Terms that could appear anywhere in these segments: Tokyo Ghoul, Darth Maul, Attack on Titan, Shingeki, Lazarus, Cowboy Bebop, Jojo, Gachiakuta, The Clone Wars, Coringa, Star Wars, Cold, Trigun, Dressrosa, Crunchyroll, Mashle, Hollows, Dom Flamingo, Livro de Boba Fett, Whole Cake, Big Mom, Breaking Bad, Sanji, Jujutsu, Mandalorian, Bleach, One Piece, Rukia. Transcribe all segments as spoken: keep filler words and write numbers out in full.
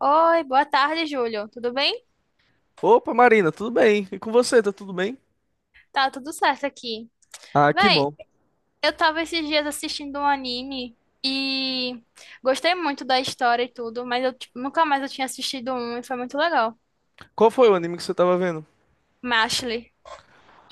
Oi, boa tarde, Júlio. Tudo bem? Opa, Marina, tudo bem? E com você, tá tudo bem? Tá tudo certo aqui. Ah, que Véi, bom. eu tava esses dias assistindo um anime e gostei muito da história e tudo, mas eu tipo, nunca mais eu tinha assistido um e foi muito legal. Qual foi o anime que você tava vendo? Mashley,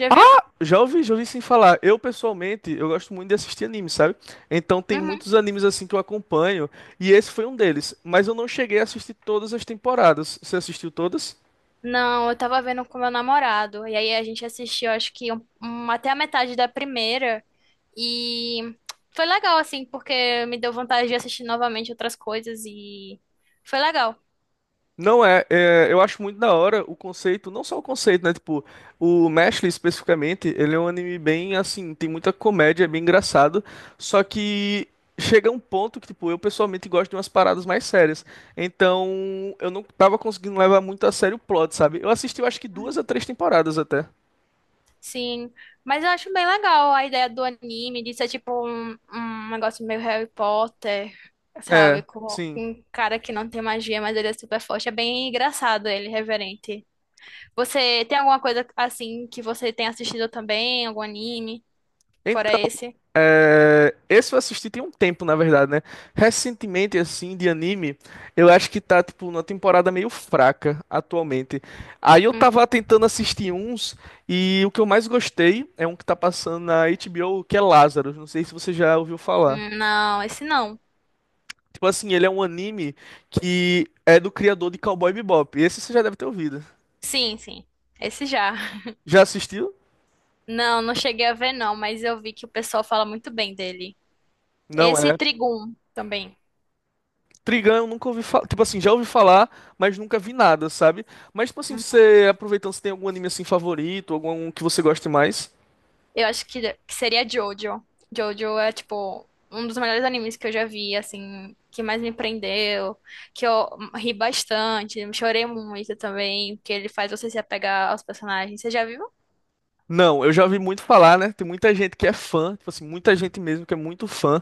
já viu? Já ouvi, já ouvi sim falar. Eu, pessoalmente, eu gosto muito de assistir anime, sabe? Então tem Uhum. muitos animes assim que eu acompanho, e esse foi um deles. Mas eu não cheguei a assistir todas as temporadas. Você assistiu todas? Não, eu tava vendo com meu namorado. E aí a gente assistiu, acho que um- um- até a metade da primeira. E foi legal, assim, porque me deu vontade de assistir novamente outras coisas e foi legal. Não é, é, eu acho muito da hora o conceito, não só o conceito, né? Tipo, o Mashle especificamente, ele é um anime bem assim, tem muita comédia, é bem engraçado, só que chega um ponto que, tipo, eu pessoalmente gosto de umas paradas mais sérias. Então, eu não tava conseguindo levar muito a sério o plot, sabe? Eu assisti, eu acho que duas a três temporadas até. Sim, mas eu acho bem legal a ideia do anime, de ser tipo um, um negócio meio Harry Potter, É, sabe? Com sim. um cara que não tem magia, mas ele é super forte. É bem engraçado ele, reverente. Você tem alguma coisa assim que você tem assistido também? Algum anime? Fora esse? É, esse eu assisti tem um tempo, na verdade, né? Recentemente, assim, de anime, eu acho que tá, tipo, numa temporada meio fraca atualmente. Aí eu tava Uhum. tentando assistir uns, e o que eu mais gostei é um que tá passando na H B O, que é Lazarus. Não sei se você já ouviu falar. Hum, não, esse não. Tipo assim, ele é um anime que é do criador de Cowboy Bebop. Esse você já deve ter ouvido. Sim, sim. Esse já. Já assistiu? Não, não cheguei a ver não, mas eu vi que o pessoal fala muito bem dele. Não, Esse é. Trigun também. Trigun eu nunca ouvi falar. Tipo assim, já ouvi falar, mas nunca vi nada, sabe? Mas, tipo assim, você aproveitando, você tem algum anime assim favorito, algum que você goste mais? Eu acho que, que seria Jojo. Jojo é, tipo, um dos melhores animes que eu já vi, assim, que mais me prendeu, que eu ri bastante, chorei muito também, porque ele faz você se apegar aos personagens. Você já viu? Não, eu já ouvi muito falar, né? Tem muita gente que é fã, tipo assim, muita gente mesmo que é muito fã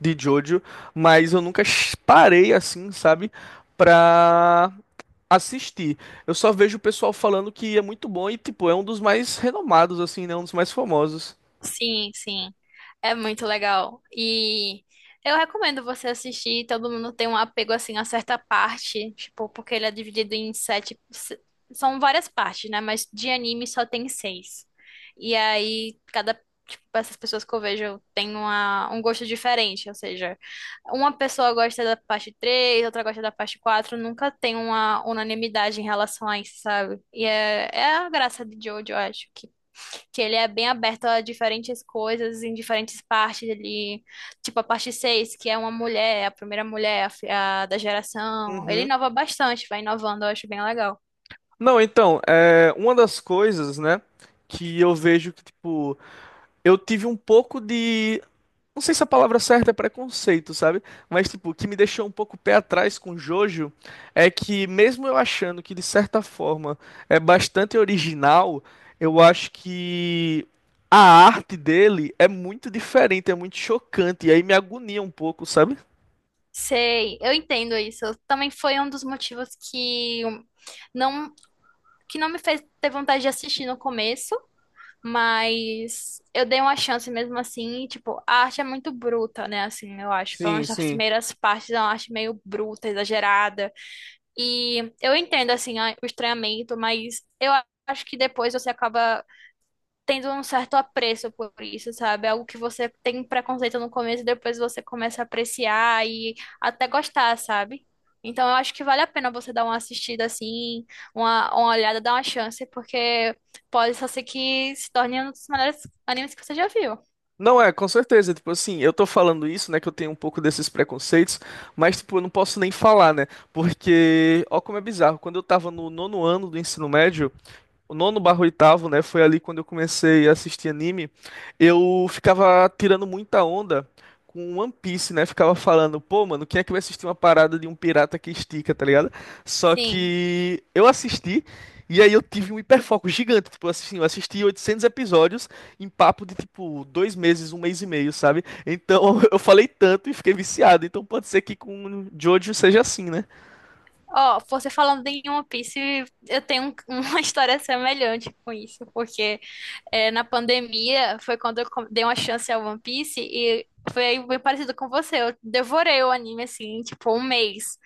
de Jojo, mas eu nunca ch- parei assim, sabe? Pra assistir. Eu só vejo o pessoal falando que é muito bom e, tipo, é um dos mais renomados, assim, né? Um dos mais famosos. Sim, sim. É muito legal. E eu recomendo você assistir. Todo mundo tem um apego assim a certa parte, tipo, porque ele é dividido em sete. se- São várias partes, né? Mas de anime só tem seis. E aí, cada. Tipo, essas pessoas que eu vejo têm uma, um gosto diferente. Ou seja, uma pessoa gosta da parte três, outra gosta da parte quatro. Nunca tem uma unanimidade em relação a isso, sabe? E é, é a graça de Jojo, eu acho que ele é bem aberto a diferentes coisas em diferentes partes. Ele, tipo a parte seis que é uma mulher, a primeira mulher a fi- a da geração. Ele Uhum. inova bastante, vai inovando, eu acho bem legal. Não, então, é, uma das coisas, né, que eu vejo que, tipo, eu tive um pouco de. Não sei se a palavra certa é preconceito, sabe? Mas, tipo, o que me deixou um pouco pé atrás com Jojo é que, mesmo eu achando que, de certa forma, é bastante original, eu acho que a arte dele é muito diferente, é muito chocante, e aí me agonia um pouco, sabe? Sei, eu entendo isso. Também foi um dos motivos que não que não me fez ter vontade de assistir no começo, mas eu dei uma chance mesmo assim, e, tipo, a arte é muito bruta, né? Assim, eu acho, pelo Sim, menos nas sim. primeiras partes, é uma arte meio bruta, exagerada. E eu entendo, assim, a- o estranhamento, mas eu a- acho que depois você acaba tendo um certo apreço por isso, sabe? Algo que você tem preconceito no começo e depois você começa a apreciar e até gostar, sabe? Então eu acho que vale a pena você dar uma assistida assim, uma, uma olhada, dar uma chance, porque pode só ser que se torne um dos melhores animes que você já viu. Não é, com certeza. Tipo assim, eu tô falando isso, né? Que eu tenho um pouco desses preconceitos, mas, tipo, eu não posso nem falar, né? Porque, ó, como é bizarro. Quando eu tava no nono ano do ensino médio, o nono barra oitavo, né? Foi ali quando eu comecei a assistir anime. Eu ficava tirando muita onda com One Piece, né? Ficava falando, pô, mano, quem é que vai assistir uma parada de um pirata que estica, tá ligado? Só Sim. que eu assisti e aí eu tive um hiperfoco gigante. Tipo, assim, eu assisti oitocentos episódios em papo de, tipo, dois meses, um mês e meio, sabe? Então eu falei tanto e fiquei viciado. Então pode ser que com Jojo seja assim, né? Ó, você falando em One Piece, eu tenho um- uma história semelhante com isso, porque é, na pandemia foi quando eu com- dei uma chance ao One Piece e foi bem parecido com você. Eu devorei o anime assim, em, tipo, um mês.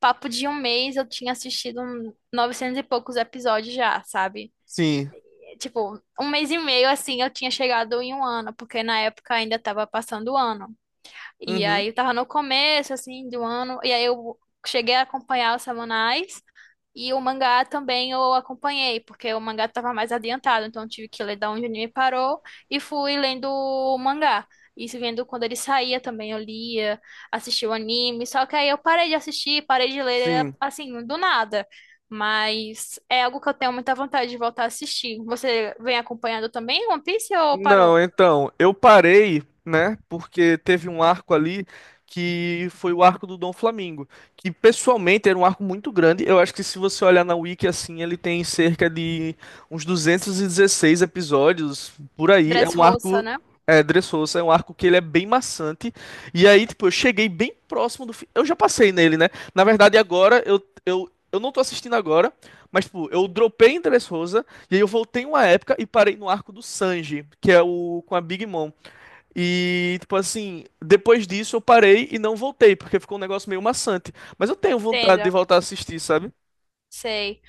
Papo de um mês eu tinha assistido um novecentos e poucos episódios já, sabe? Sim. Tipo, um mês e meio assim eu tinha chegado em um ano, porque na época ainda tava passando o ano. E Uhum. aí eu tava no começo, assim, do ano, e aí eu cheguei a acompanhar os semanais, e o mangá também eu acompanhei, porque o mangá tava mais adiantado, então eu tive que ler da onde o anime parou, e fui lendo o mangá. E se vendo quando ele saía também, eu lia, assistia o anime, só que aí eu parei de assistir, parei de ler, Sim. assim, do nada. Mas é algo que eu tenho muita vontade de voltar a assistir. Você vem acompanhando também One Piece ou Não, parou? então, eu parei, né? Porque teve um arco ali que foi o arco do Dom Flamingo, que pessoalmente era um arco muito grande. Eu acho que se você olhar na Wiki assim, ele tem cerca de uns duzentos e dezesseis episódios por aí. É um Dressrosa, arco né? é, Dressrosa, é um arco que ele é bem maçante. E aí, tipo, eu cheguei bem próximo do fim. Eu já passei nele, né? Na verdade, agora eu, eu, eu não tô assistindo agora, mas tipo, eu dropei em Dressrosa e aí eu voltei uma época e parei no arco do Sanji, que é o com a Big Mom. E, tipo assim, depois disso eu parei e não voltei, porque ficou um negócio meio maçante. Mas eu tenho vontade de Entendo. voltar a assistir, sabe? Sei.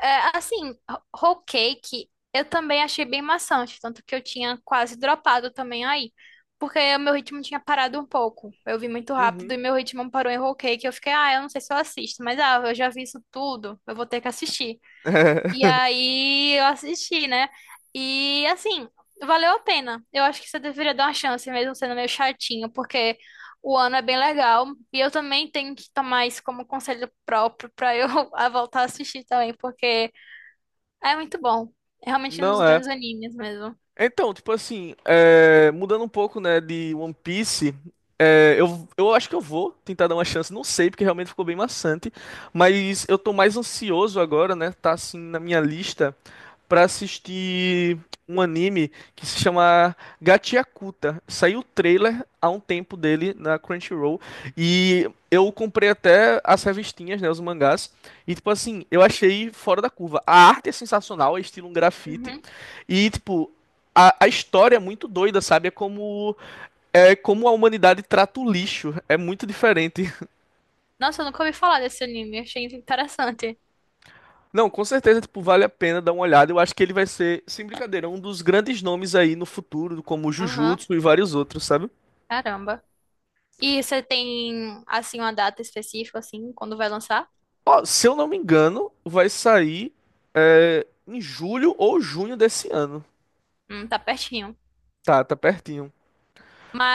É, assim, ho- whole cake eu também achei bem maçante, tanto que eu tinha quase dropado também aí, porque o meu ritmo tinha parado um pouco. Eu vi muito rápido Uhum. e meu ritmo parou em whole cake. Eu fiquei, ah, eu não sei se eu assisto, mas ah, eu já vi isso tudo, eu vou ter que assistir. E É. aí eu assisti, né? E assim, valeu a pena. Eu acho que você deveria dar uma chance, mesmo sendo meio chatinho, porque o ano é bem legal. E eu também tenho que tomar isso como conselho próprio pra eu a voltar a assistir também, porque é muito bom. É realmente um dos Não é. grandes animes mesmo. Então, tipo assim, é, mudando um pouco, né, de One Piece, é, eu, eu acho que eu vou tentar dar uma chance, não sei, porque realmente ficou bem maçante, mas eu tô mais ansioso agora, né, tá assim na minha lista, pra assistir um anime que se chama Gachiakuta. Saiu o trailer há um tempo dele na Crunchyroll e eu comprei até as revistinhas, né, os mangás. E tipo assim, eu achei fora da curva. A arte é sensacional, é estilo um grafite Uhum. e tipo a, a história é muito doida, sabe? É como é como a humanidade trata o lixo. É muito diferente. Nossa, eu nunca ouvi falar desse anime, achei interessante. Não, com certeza, tipo, vale a pena dar uma olhada. Eu acho que ele vai ser, sem brincadeira, um dos grandes nomes aí no futuro, como Aham, Jujutsu e vários outros, sabe? caramba. E você tem, assim, uma data específica, assim, quando vai lançar? Ó, se eu não me engano, vai sair é, em julho ou junho desse ano. Hum, tá pertinho. Tá, tá pertinho.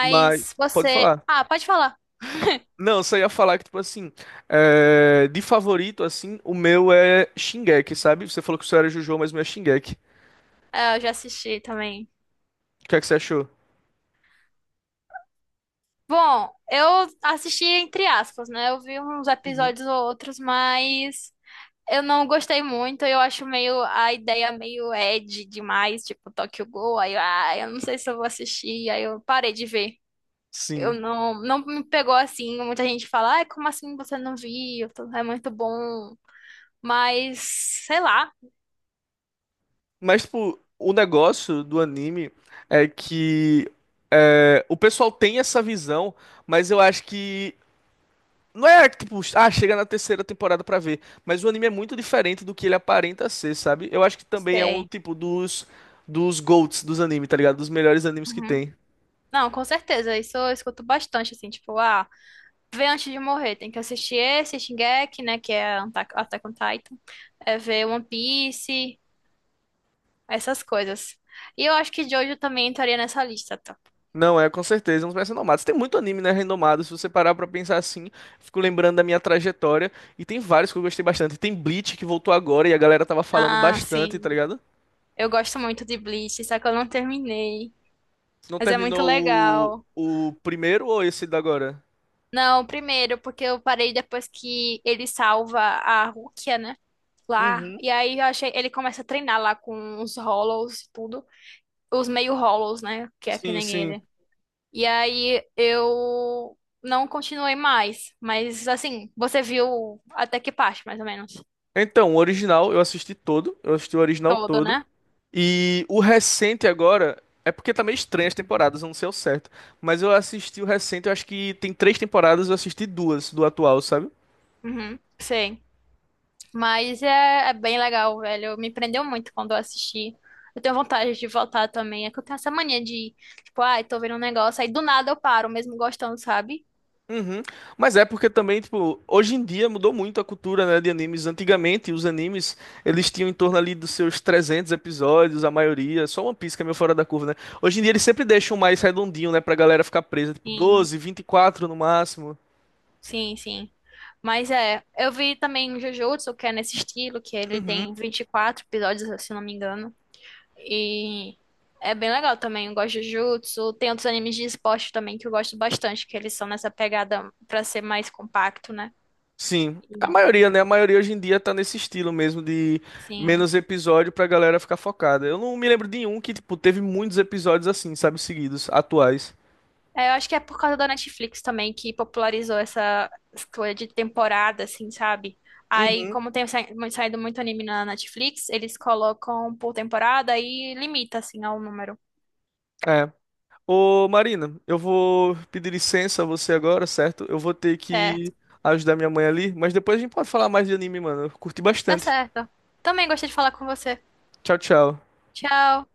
Mas, pode você. falar. Ah, pode falar. N- Não, eu só ia falar que, tipo assim, é, de favorito, assim, o meu é Shingeki, sabe? Você falou que o seu era Jojo, mas o meu é Shingeki. É, eu já assisti também. O que é que você achou? Bom, eu assisti entre aspas, né? Eu vi uns Uhum. episódios ou outros, mas eu não gostei muito. Eu acho meio a ideia meio edgy demais, tipo Tokyo Ghoul. Aí, eu, ah, eu não sei se eu vou assistir. Aí eu parei de ver. Eu Sim. não, não me pegou assim. Muita gente fala, ai, como assim você não viu? É muito bom. Mas, sei lá, Mas, tipo, o negócio do anime é que é, o pessoal tem essa visão, mas eu acho que. Não é tipo, ah, chega na terceira temporada pra ver. Mas o anime é muito diferente do que ele aparenta ser, sabe? Eu acho que também é um sei. tipo dos, dos, GOATs dos animes, tá ligado? Dos melhores animes que Uhum. tem. Não, com certeza. Isso eu escuto bastante, assim, tipo, ah. Ver antes de morrer. Tem que assistir esse, Shingeki, né? Que é Attack Attack on Titan. É ver One Piece, essas coisas. E eu acho que Jojo também entraria nessa lista, tá? Não, é com certeza, é um dos mais renomados. Tem muito anime, né, renomado. Se você parar pra pensar assim, fico lembrando da minha trajetória. E tem vários que eu gostei bastante. Tem Bleach que voltou agora e a galera tava falando Ah, bastante, tá sim. ligado? Eu gosto muito de Bleach, só que eu não terminei. Não Mas é muito terminou legal. o, o primeiro ou esse da agora? Não, primeiro, porque eu parei depois que ele salva a Rukia, né? Lá. Uhum. E aí eu achei. Ele começa a treinar lá com os Hollows e tudo. Os meio Hollows, né? Que é que Sim, nem sim. ele. E aí eu não continuei mais. Mas assim, você viu até que parte, mais ou menos? Então, o original eu assisti todo, eu assisti o original Todo, todo. né? E o recente agora, é porque tá meio estranho as temporadas, eu não sei ao certo. Mas eu assisti o recente, eu acho que tem três temporadas, eu assisti duas do atual, sabe? Uhum, sei. Mas é, é bem legal, velho. Me prendeu muito quando eu assisti. Eu tenho vontade de voltar também. É que eu tenho essa mania de, tipo, ai, tô vendo um negócio, aí do nada eu paro, mesmo gostando, sabe? Uhum. Mas é porque também, tipo, hoje em dia mudou muito a cultura, né, de animes. Antigamente, os animes, eles tinham em torno ali dos seus trezentos episódios, a maioria, só One Piece que é meio fora da curva, né? Hoje em dia eles sempre deixam mais redondinho, né, pra galera ficar presa, tipo Sim, doze, vinte e quatro no máximo. sim, sim. Mas é, eu vi também o Jujutsu, que é nesse estilo, que ele Uhum. tem vinte e quatro episódios, se eu não me engano. E é bem legal também. Eu gosto de Jujutsu. Tem outros animes de esporte também que eu gosto bastante, que eles são nessa pegada pra ser mais compacto, né? Sim. A E, maioria, né? A maioria hoje em dia tá nesse estilo mesmo de sim. menos episódio pra galera ficar focada. Eu não me lembro de um que, tipo, teve muitos episódios assim, sabe, seguidos, atuais. É, eu acho que é por causa da Netflix também que popularizou essa escolha de temporada, assim, sabe? Aí, Uhum. como tem sa- mu- saído muito anime na Netflix, eles colocam por temporada e limita, assim, ao número. É. Ô, Marina, eu vou pedir licença a você agora, certo? Eu vou ter que Certo. ajudar minha mãe ali, mas depois a gente pode falar mais de anime, mano. Eu curti Tá bastante. certo. Também gostei de falar com você. Tchau, tchau. Tchau.